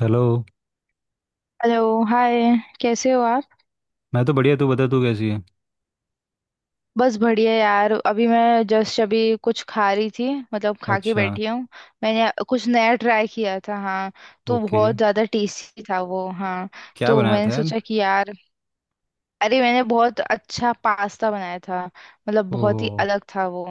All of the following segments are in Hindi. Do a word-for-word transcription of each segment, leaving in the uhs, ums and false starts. हेलो। Hello hi. कैसे हो आप? मैं तो बढ़िया, तू बता तू कैसी है? बस बढ़िया यार, अभी मैं जस्ट अभी कुछ खा रही थी। मतलब खा के अच्छा। बैठी हूँ। मैंने कुछ नया ट्राई किया था, हाँ। तो ओके। बहुत ज़्यादा टेस्टी था वो, हाँ। क्या तो बनाया था मैंने यार? सोचा कि यार, अरे मैंने बहुत अच्छा पास्ता बनाया था, मतलब बहुत ही ओह। अलग था वो।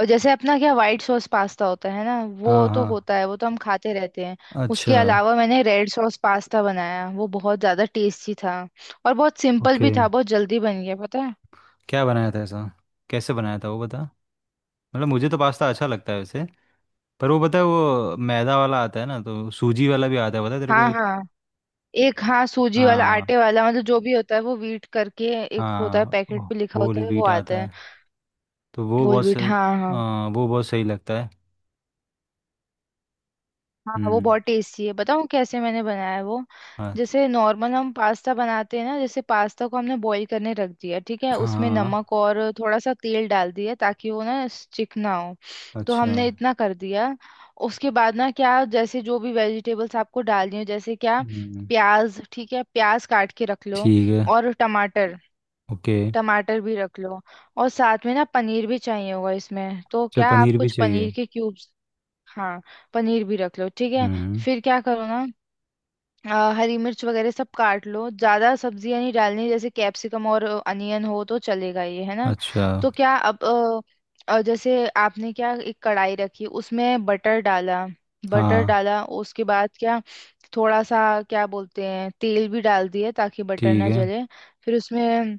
और जैसे अपना क्या, वाइट सॉस पास्ता होता है ना, वो हाँ तो हाँ। होता है, वो तो हम खाते रहते हैं। उसके अच्छा। अलावा मैंने रेड सॉस पास्ता बनाया, वो बहुत ज़्यादा टेस्टी था। और बहुत सिंपल ओके। भी था, बहुत जल्दी बन गया, पता है। क्या बनाया था ऐसा? कैसे बनाया था वो बता। मतलब मुझे तो पास्ता अच्छा लगता है वैसे। पर वो बता, वो मैदा वाला आता है ना, तो सूजी वाला भी आता है, पता है तेरे को हाँ एक। हाँ, एक, हाँ सूजी वाला हाँ आटे वाला, मतलब जो भी होता है वो, व्हीट करके। एक होता है, हाँ। वो पैकेट पे लिखा होता होल है, वो व्हीट आता आता है। है, तो वो होल बहुत व्हीट, सही। हाँ हाँ। आ, वो बहुत सही लगता है। हाँ वो हम्म। बहुत टेस्टी है। बताऊँ कैसे मैंने बनाया है वो। हाँ जैसे नॉर्मल हम पास्ता बनाते हैं ना, जैसे पास्ता को हमने बॉईल करने रख दिया, ठीक है। उसमें हाँ। नमक और थोड़ा सा तेल डाल दिया ताकि वो ना चिकना हो। तो अच्छा। हमने इतना कर दिया। उसके बाद ना क्या, जैसे जो भी वेजिटेबल्स आपको डालनी हो, जैसे क्या, हम्म। प्याज, ठीक है, प्याज काट के रख लो। ठीक है। और टमाटर, ओके। टमाटर भी रख लो। और साथ में ना पनीर भी चाहिए होगा इसमें, तो अच्छा, क्या आप पनीर भी कुछ पनीर चाहिए। के क्यूब्स, हाँ, पनीर भी रख लो, ठीक है। हम्म। फिर क्या करो ना, अ, हरी मिर्च वगैरह सब काट लो, ज्यादा सब्जियां नहीं डालनी, जैसे कैप्सिकम और अनियन हो तो चलेगा ये, है ना। अच्छा। तो क्या अब, अ, अ, जैसे आपने क्या, एक कढ़ाई रखी, उसमें बटर डाला। बटर हाँ डाला, उसके बाद क्या, थोड़ा सा क्या बोलते हैं, तेल भी डाल दिए ताकि बटर ठीक ना है। जले। फिर उसमें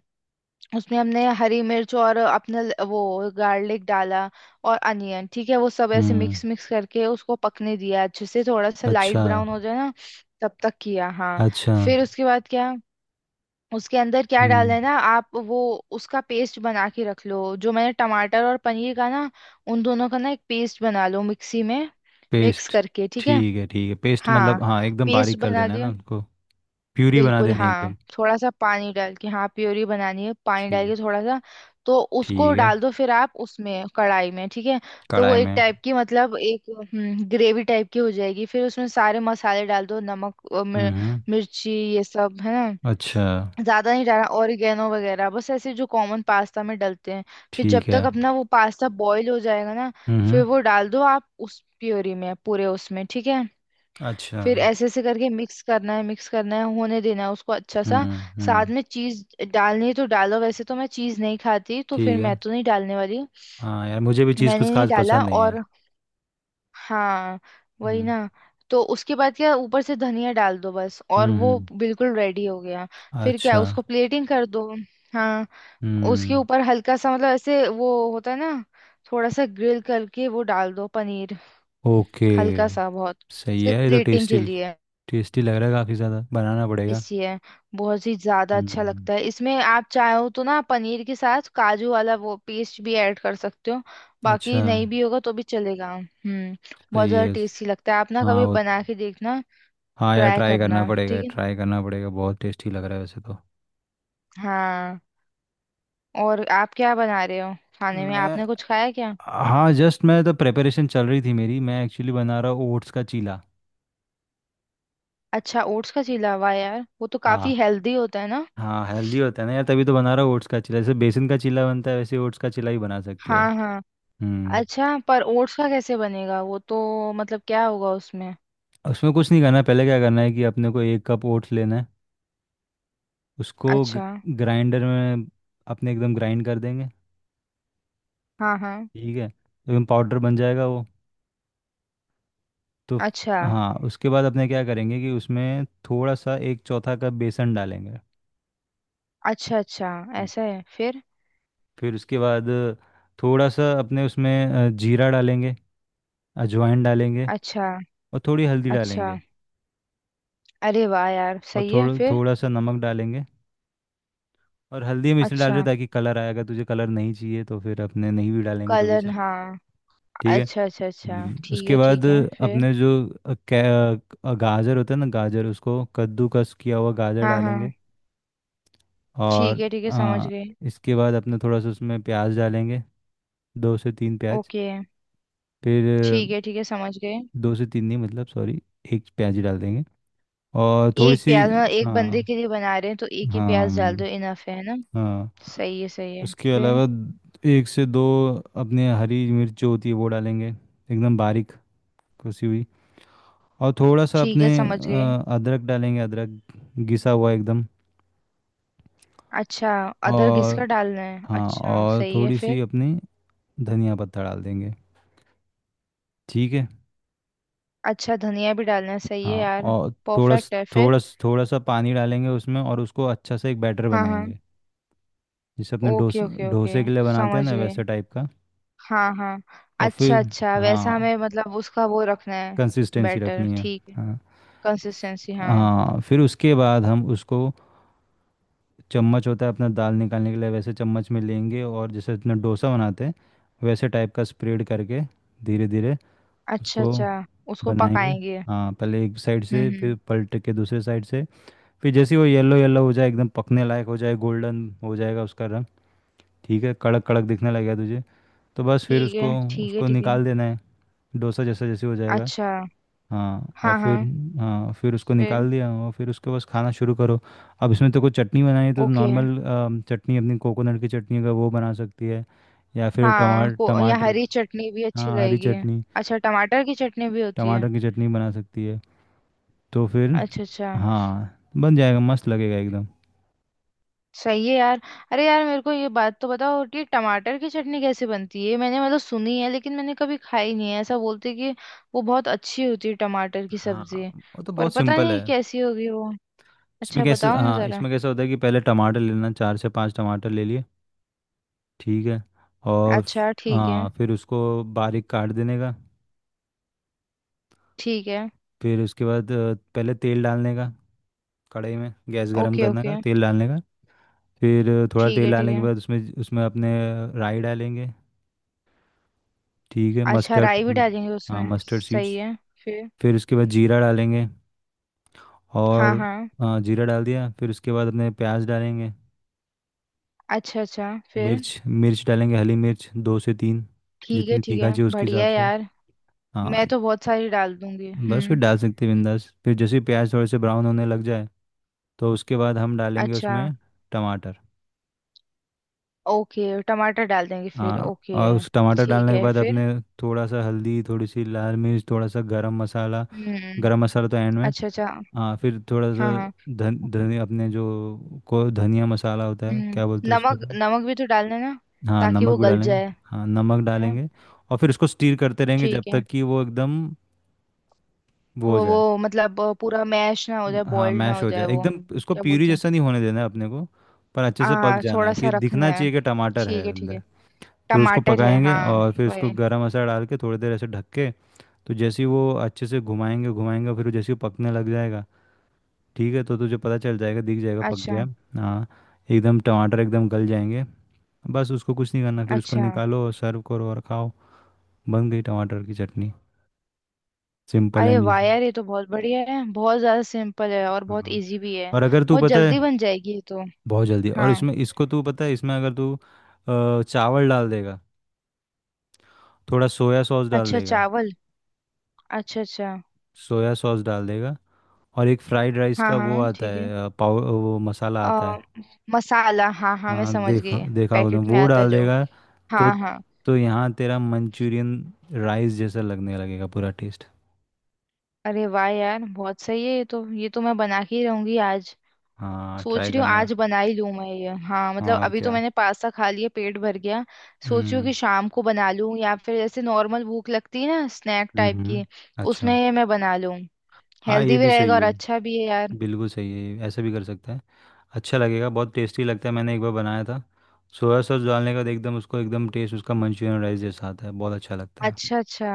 उसमें हमने हरी मिर्च और अपना ल- वो गार्लिक डाला। और अनियन, ठीक है, वो सब ऐसे हम्म। मिक्स मिक्स करके उसको पकने दिया अच्छे से, थोड़ा सा लाइट अच्छा ब्राउन हो जाए ना, तब तक किया, हाँ। अच्छा। फिर उसके बाद क्या, उसके अंदर क्या डालना हम्म। है ना आप, वो उसका पेस्ट बना के रख लो, जो मैंने टमाटर और पनीर का ना, उन दोनों का ना एक पेस्ट बना लो मिक्सी में, मिक्स पेस्ट। करके, ठीक है। ठीक है ठीक है। पेस्ट हाँ, मतलब हाँ, एकदम पेस्ट बारीक कर बना देना है लिया। ना उनको। प्यूरी बना बिल्कुल देनी है हाँ, एकदम। थोड़ा सा पानी डाल के, हाँ, प्योरी बनानी है, पानी डाल ठीक। के थोड़ा सा। तो उसको ठीक है। डाल दो, फिर आप उसमें, कढ़ाई में, ठीक है। तो वो कढ़ाई एक में। टाइप की मतलब एक, हम्म, ग्रेवी टाइप की हो जाएगी। फिर उसमें सारे मसाले डाल दो, नमक, अ, मिर, हम्म। मिर्ची, ये सब, है ना। अच्छा। ज्यादा नहीं डालना, ऑरिगेनो वगैरह, बस ऐसे जो कॉमन पास्ता में डलते हैं। फिर जब ठीक है। तक अपना वो पास्ता बॉईल हो जाएगा ना, फिर हम्म। वो डाल दो आप उस प्योरी में पूरे, उसमें, ठीक है। अच्छा। फिर ऐसे ऐसे करके मिक्स करना है, मिक्स करना है, होने देना है उसको अच्छा सा। हम्म साथ हम्म। में चीज डालनी है तो डालो, वैसे तो मैं चीज नहीं खाती, तो फिर ठीक मैं है। तो नहीं डालने वाली। हाँ यार, मुझे भी चीज़ कुछ मैंने नहीं खास डाला, पसंद नहीं है। और हाँ, वही हम्म ना। तो उसके बाद क्या, ऊपर से धनिया डाल दो बस, और हम्म वो हम्म। बिल्कुल रेडी हो गया। फिर क्या, अच्छा। उसको प्लेटिंग कर दो, हाँ। उसके हम्म। ऊपर हल्का सा मतलब ऐसे वो होता है ना, थोड़ा सा ग्रिल करके वो डाल दो पनीर, ओके। हल्का सा बहुत, सही सिर्फ है ये तो। Plating tasty. के लिए। टेस्टी लग रहा है काफ़ी, ज़्यादा बनाना पड़ेगा। टेस्टी है, बहुत ही ज्यादा अच्छा हम्म। लगता है। इसमें आप चाहो तो ना, पनीर के साथ काजू वाला वो पेस्ट भी ऐड कर सकते हो, अच्छा। बाकी नहीं भी होगा तो भी चलेगा, हम्म। बहुत सही ज्यादा है। टेस्टी लगता है, आप ना हाँ कभी वो। बना के देखना, हाँ यार, ट्राई ट्राई करना करना, पड़ेगा ठीक है ना, ट्राई करना पड़ेगा, बहुत टेस्टी लग रहा है वैसे तो। हाँ। और आप क्या बना रहे हो खाने में, मैं। आपने कुछ खाया क्या? हाँ जस्ट, मैं तो प्रेपरेशन चल रही थी मेरी। मैं एक्चुअली बना रहा हूँ ओट्स का चीला। अच्छा ओट्स का चीला, हुआ यार, वो तो काफी हाँ हेल्दी होता है ना, हाँ। हेल्दी होता है ना यार, तभी तो बना रहा हूँ ओट्स का चीला। जैसे बेसन का चीला बनता है, वैसे ओट्स का चीला भी बना सकते हो। हाँ हाँ। हम्म। अच्छा पर ओट्स का कैसे बनेगा वो, तो मतलब क्या होगा उसमें? उसमें कुछ नहीं करना। पहले क्या करना है कि अपने को एक कप ओट्स लेना है। उसको अच्छा, ग्राइंडर में अपने एकदम ग्राइंड कर देंगे। हाँ हाँ। ठीक है, एकदम पाउडर बन जाएगा वो तो। अच्छा हाँ, उसके बाद अपने क्या करेंगे कि उसमें थोड़ा सा एक चौथा कप बेसन डालेंगे। अच्छा अच्छा। हम्म। ऐसा है, फिर फिर उसके बाद थोड़ा सा अपने उसमें अ, जीरा डालेंगे। अजवाइन डालेंगे। अच्छा और थोड़ी हल्दी अच्छा। डालेंगे। अरे वाह यार, और सही है, थोड़ा फिर थोड़ा सा नमक डालेंगे। और हल्दी हम इसलिए डाल अच्छा, रहे हैं ताकि कलर आएगा। तुझे कलर नहीं चाहिए तो फिर अपने नहीं भी डालेंगे तो भी कलर, चल। हाँ, ठीक है। अच्छा अच्छा अच्छा। हम्म, ठीक उसके है बाद ठीक है, फिर अपने जो अ, कै- अ, गाजर होता है ना गाजर, उसको कद्दूकस किया हुआ गाजर हाँ हाँ। डालेंगे। ठीक और है ठीक है, समझ हाँ, गए। इसके बाद अपने थोड़ा सा उसमें प्याज डालेंगे, दो से तीन प्याज। ओके, फिर ठीक है ठीक है, समझ गए। दो से तीन नहीं, मतलब सॉरी, एक प्याज ही डाल देंगे। और थोड़ी एक सी। प्याज मतलब, एक बंदे हाँ के लिए बना रहे हैं तो एक ही प्याज डाल दो, हाँ इनफ है ना। हाँ। सही है सही है, उसके फिर अलावा एक से दो अपने हरी मिर्च जो होती है वो डालेंगे, एकदम बारीक कसी हुई। और थोड़ा सा ठीक अपने है, समझ गए। अ, अदरक डालेंगे, अदरक घिसा हुआ एकदम। अच्छा, अदरक घिसका और डालना है, हाँ, अच्छा और सही है, थोड़ी सी फिर अपनी धनिया पत्ता डाल देंगे। ठीक है। अच्छा, धनिया भी डालना है, सही है हाँ, यार। और थोड़ा स- परफेक्ट है, थोड़ा फिर स- थोड़ा सा पानी डालेंगे उसमें, और उसको अच्छा से एक बैटर हाँ हाँ। बनाएंगे। जिसे अपने ओके डोसे ओके ओके, डोसे के लिए बनाते हैं समझ ना, गए, वैसे टाइप का। हाँ हाँ। और अच्छा फिर अच्छा, हाँ, वैसा हमें मतलब उसका वो रखना है, कंसिस्टेंसी बैटर, रखनी है। ठीक है, हाँ कंसिस्टेंसी, हाँ। हाँ। फिर उसके बाद हम उसको, चम्मच होता है अपना दाल निकालने के लिए, वैसे चम्मच में लेंगे और जैसे अपना डोसा बनाते हैं वैसे टाइप का स्प्रेड करके धीरे धीरे अच्छा उसको अच्छा, उसको बनाएंगे। पकाएंगे, हाँ, पहले एक साइड हम्म से फिर हम्म। पलट के दूसरे साइड से। फिर जैसे ही वो येलो येलो हो जाए, एकदम पकने लायक हो जाए, गोल्डन हो जाएगा उसका रंग। ठीक है, कड़क कड़क दिखने लगेगा तुझे। तो बस फिर ठीक है उसको ठीक है उसको ठीक है। निकाल देना है, डोसा जैसा जैसे हो जाएगा। अच्छा, हाँ और हाँ फिर। हाँ, हाँ, फिर उसको फिर निकाल दिया और फिर उसके बस खाना शुरू करो। अब इसमें तो कोई चटनी बनानी है तो ओके। नॉर्मल चटनी अपनी कोकोनट की चटनी अगर वो बना सकती है, या फिर हाँ, टमाटर को यहाँ टमाटर। हरी चटनी भी अच्छी हाँ, हरी लगेगी। चटनी। अच्छा, टमाटर की चटनी भी होती है, टमाटर की चटनी बना सकती है तो फिर। अच्छा अच्छा, हाँ, बन जाएगा, मस्त लगेगा एकदम। सही है यार। अरे यार, मेरे को ये बात तो बताओ कि टमाटर की चटनी कैसे बनती है, मैंने मतलब सुनी है लेकिन मैंने कभी खाई नहीं है, ऐसा बोलते हैं कि वो बहुत अच्छी होती है टमाटर की हाँ, सब्जी। वो तो पर बहुत पता सिंपल नहीं है। कैसी होगी वो, इसमें अच्छा कैसे? बताओ ना हाँ, जरा। इसमें कैसा होता है कि पहले टमाटर लेना, चार से पांच टमाटर ले लिए। ठीक है। और। अच्छा ठीक है हाँ, फिर उसको बारीक काट देने का। ठीक है, फिर उसके बाद अ, पहले तेल डालने का। कढ़ाई में गैस गर्म ओके करने का, ओके, तेल डालने का। फिर अ, थोड़ा ठीक तेल है ठीक डालने के है। बाद उसमें उसमें अपने राई डालेंगे। ठीक है, अच्छा, मस्टर्ड। राई भी हम्म। डालेंगे हाँ, उसमें, मस्टर्ड सही सीड्स। है, फिर फिर उसके बाद जीरा डालेंगे। हाँ और हाँ। हाँ, जीरा डाल दिया, फिर उसके बाद अपने प्याज डालेंगे। अच्छा अच्छा, फिर मिर्च मिर्च डालेंगे, हरी मिर्च दो से तीन, ठीक है जितनी ठीक तीखा है, चाहिए उसके बढ़िया हिसाब से। यार। हाँ, मैं तो बहुत सारी डाल दूंगी, बस फिर हम्म, डाल सकते हैं बिंदास। फिर जैसे ही प्याज थोड़े से ब्राउन होने लग जाए, तो उसके बाद हम डालेंगे अच्छा। उसमें टमाटर। ओके, टमाटर डाल देंगे फिर, हाँ। ओके, और उस टमाटर डालने ठीक के है, बाद अपने फिर थोड़ा सा हल्दी, थोड़ी सी लाल मिर्च, थोड़ा सा गरम मसाला। हम्म, गरम मसाला तो एंड में। अच्छा अच्छा, हाँ, फिर थोड़ा हाँ सा हाँ, धन धनिया, अपने जो, को धनिया मसाला होता है हम्म। क्या बोलते हैं उसको। नमक, नमक भी तो डालना है ना, हाँ, ताकि नमक वो भी गल डालेंगे। जाए, हाँ, नमक है ना। डालेंगे। और फिर उसको स्टीर करते रहेंगे जब ठीक है, तक कि वो एकदम वो हो वो जाए। वो मतलब, अ, पूरा मैश ना हो जाए, हाँ, बॉइल्ड ना मैश हो हो जाए जाए वो, एकदम उसको। क्या प्यूरी बोलते हैं, जैसा नहीं होने देना है अपने को, पर अच्छे से पक आ, जाना थोड़ा है सा कि रखना दिखना है। चाहिए कि टमाटर है ठीक है ठीक है, अंदर। फिर उसको टमाटर है पकाएंगे हाँ, और फिर उसको वही, गरम मसाला डाल के थोड़ी देर ऐसे ढक के, तो जैसे ही वो अच्छे से घुमाएंगे घुमाएंगे, फिर जैसे ही पकने लग जाएगा। ठीक है, तो तुझे पता चल जाएगा, दिख जाएगा पक अच्छा गया है। हाँ, एकदम टमाटर एकदम गल जाएंगे। बस उसको कुछ नहीं करना, फिर उसको अच्छा। निकालो, सर्व करो और खाओ। बन गई टमाटर की चटनी। सिंपल अरे एंड वाह इजी। यार, ये तो बहुत बढ़िया है, बहुत ज्यादा सिंपल है और बहुत हाँ। इजी भी है, और अगर तू बहुत पता है, जल्दी बन जाएगी ये तो, बहुत जल्दी। और हाँ। इसमें इसको तू पता है, इसमें अगर तू अ, चावल डाल देगा, थोड़ा सोया सॉस डाल अच्छा देगा। चावल, अच्छा अच्छा, सोया सॉस डाल देगा। और एक फ्राइड राइस हाँ का हाँ, वो हम्म, आता ठीक है। है, अ, पाव वो मसाला आता आ, है। मसाला हाँ हाँ, मैं हाँ, समझ देखा गई, देखा होगा तुमने, पैकेट में वो आता है डाल जो, देगा। तो हाँ हाँ। तो यहाँ तेरा मंचूरियन राइस जैसा लगने लगेगा, पूरा टेस्ट। अरे वाह यार, बहुत सही है ये तो, ये तो मैं बना के ही रहूंगी आज। हाँ, सोच ट्राई रही हूँ करना। आज बना ही लूँ मैं ये, हाँ मतलब, और अभी तो क्या। मैंने पास्ता खा लिया, पेट भर गया। सोच रही हूँ हम्म कि शाम को बना लूँ, या फिर ऐसे नॉर्मल भूख लगती है ना, स्नैक टाइप की, हम्म। उसमें अच्छा। ये मैं बना लूँ, हाँ, ये हेल्दी भी भी रहेगा सही और है, अच्छा भी है यार। बिल्कुल सही है, ऐसा भी कर सकता है। अच्छा लगेगा, बहुत टेस्टी लगता है। मैंने एक बार बनाया था, सोया सॉस डालने के बाद एकदम उसको, एकदम टेस्ट उसका मंचूरियन राइस जैसा आता है, बहुत अच्छा लगता है। अच्छा अच्छा,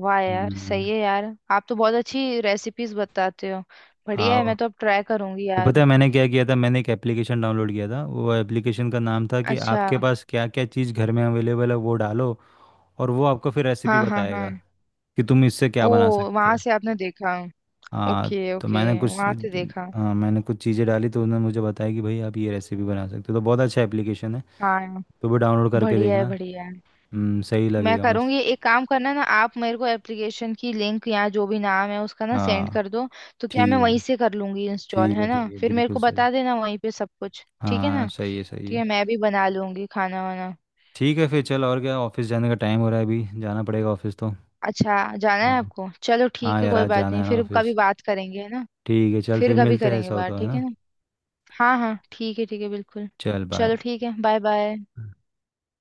वाह यार, हम्म। सही है यार, आप तो बहुत अच्छी रेसिपीज बताते हो, बढ़िया है, हाँ मैं तो अब ट्राई करूंगी वो, पता यार। है मैंने क्या किया था, मैंने एक एप्लीकेशन डाउनलोड किया था। वो एप्लीकेशन का नाम था कि अच्छा, आपके पास क्या क्या चीज़ घर में अवेलेबल है, वो डालो। और वो आपको फिर रेसिपी हाँ हाँ हाँ, बताएगा कि तुम इससे क्या ओ, बना सकते वहां हो। से आपने देखा, हाँ, ओके तो ओके, मैंने कुछ। वहां से देखा, हाँ, मैंने कुछ चीज़ें डाली तो उन्होंने मुझे बताया कि भाई आप ये रेसिपी बना सकते हो, तो बहुत अच्छा एप्लीकेशन है। हाँ। तो भी डाउनलोड करके बढ़िया है देखना। बढ़िया है। हम्म, सही मैं लगेगा मस्त। करूंगी, एक काम करना ना, आप मेरे को एप्लीकेशन की लिंक या जो भी नाम है उसका ना सेंड हाँ। कर दो, तो क्या मैं ठीक है वहीं से कर लूंगी इंस्टॉल, ठीक है है ना, ठीक है, फिर मेरे बिल्कुल को सही। बता देना वहीं पे सब कुछ, ठीक है हाँ, ना। सही है सही ठीक है, है। मैं भी बना लूंगी खाना वाना। ठीक है। फिर चल, और क्या। ऑफिस जाने का टाइम हो रहा है, अभी जाना पड़ेगा ऑफिस तो। अच्छा जाना है हाँ। आपको, चलो ठीक हाँ है, यार, कोई आज बात जाना नहीं, है ना फिर कभी ऑफिस। बात करेंगे, है ना, ठीक है, चल फिर फिर कभी मिलते हैं, करेंगे ऐसा हो बात, तो है ठीक है ना। ना, हाँ हाँ, ठीक है ठीक है, बिल्कुल। चल चलो बाय। ठीक है, बाय बाय।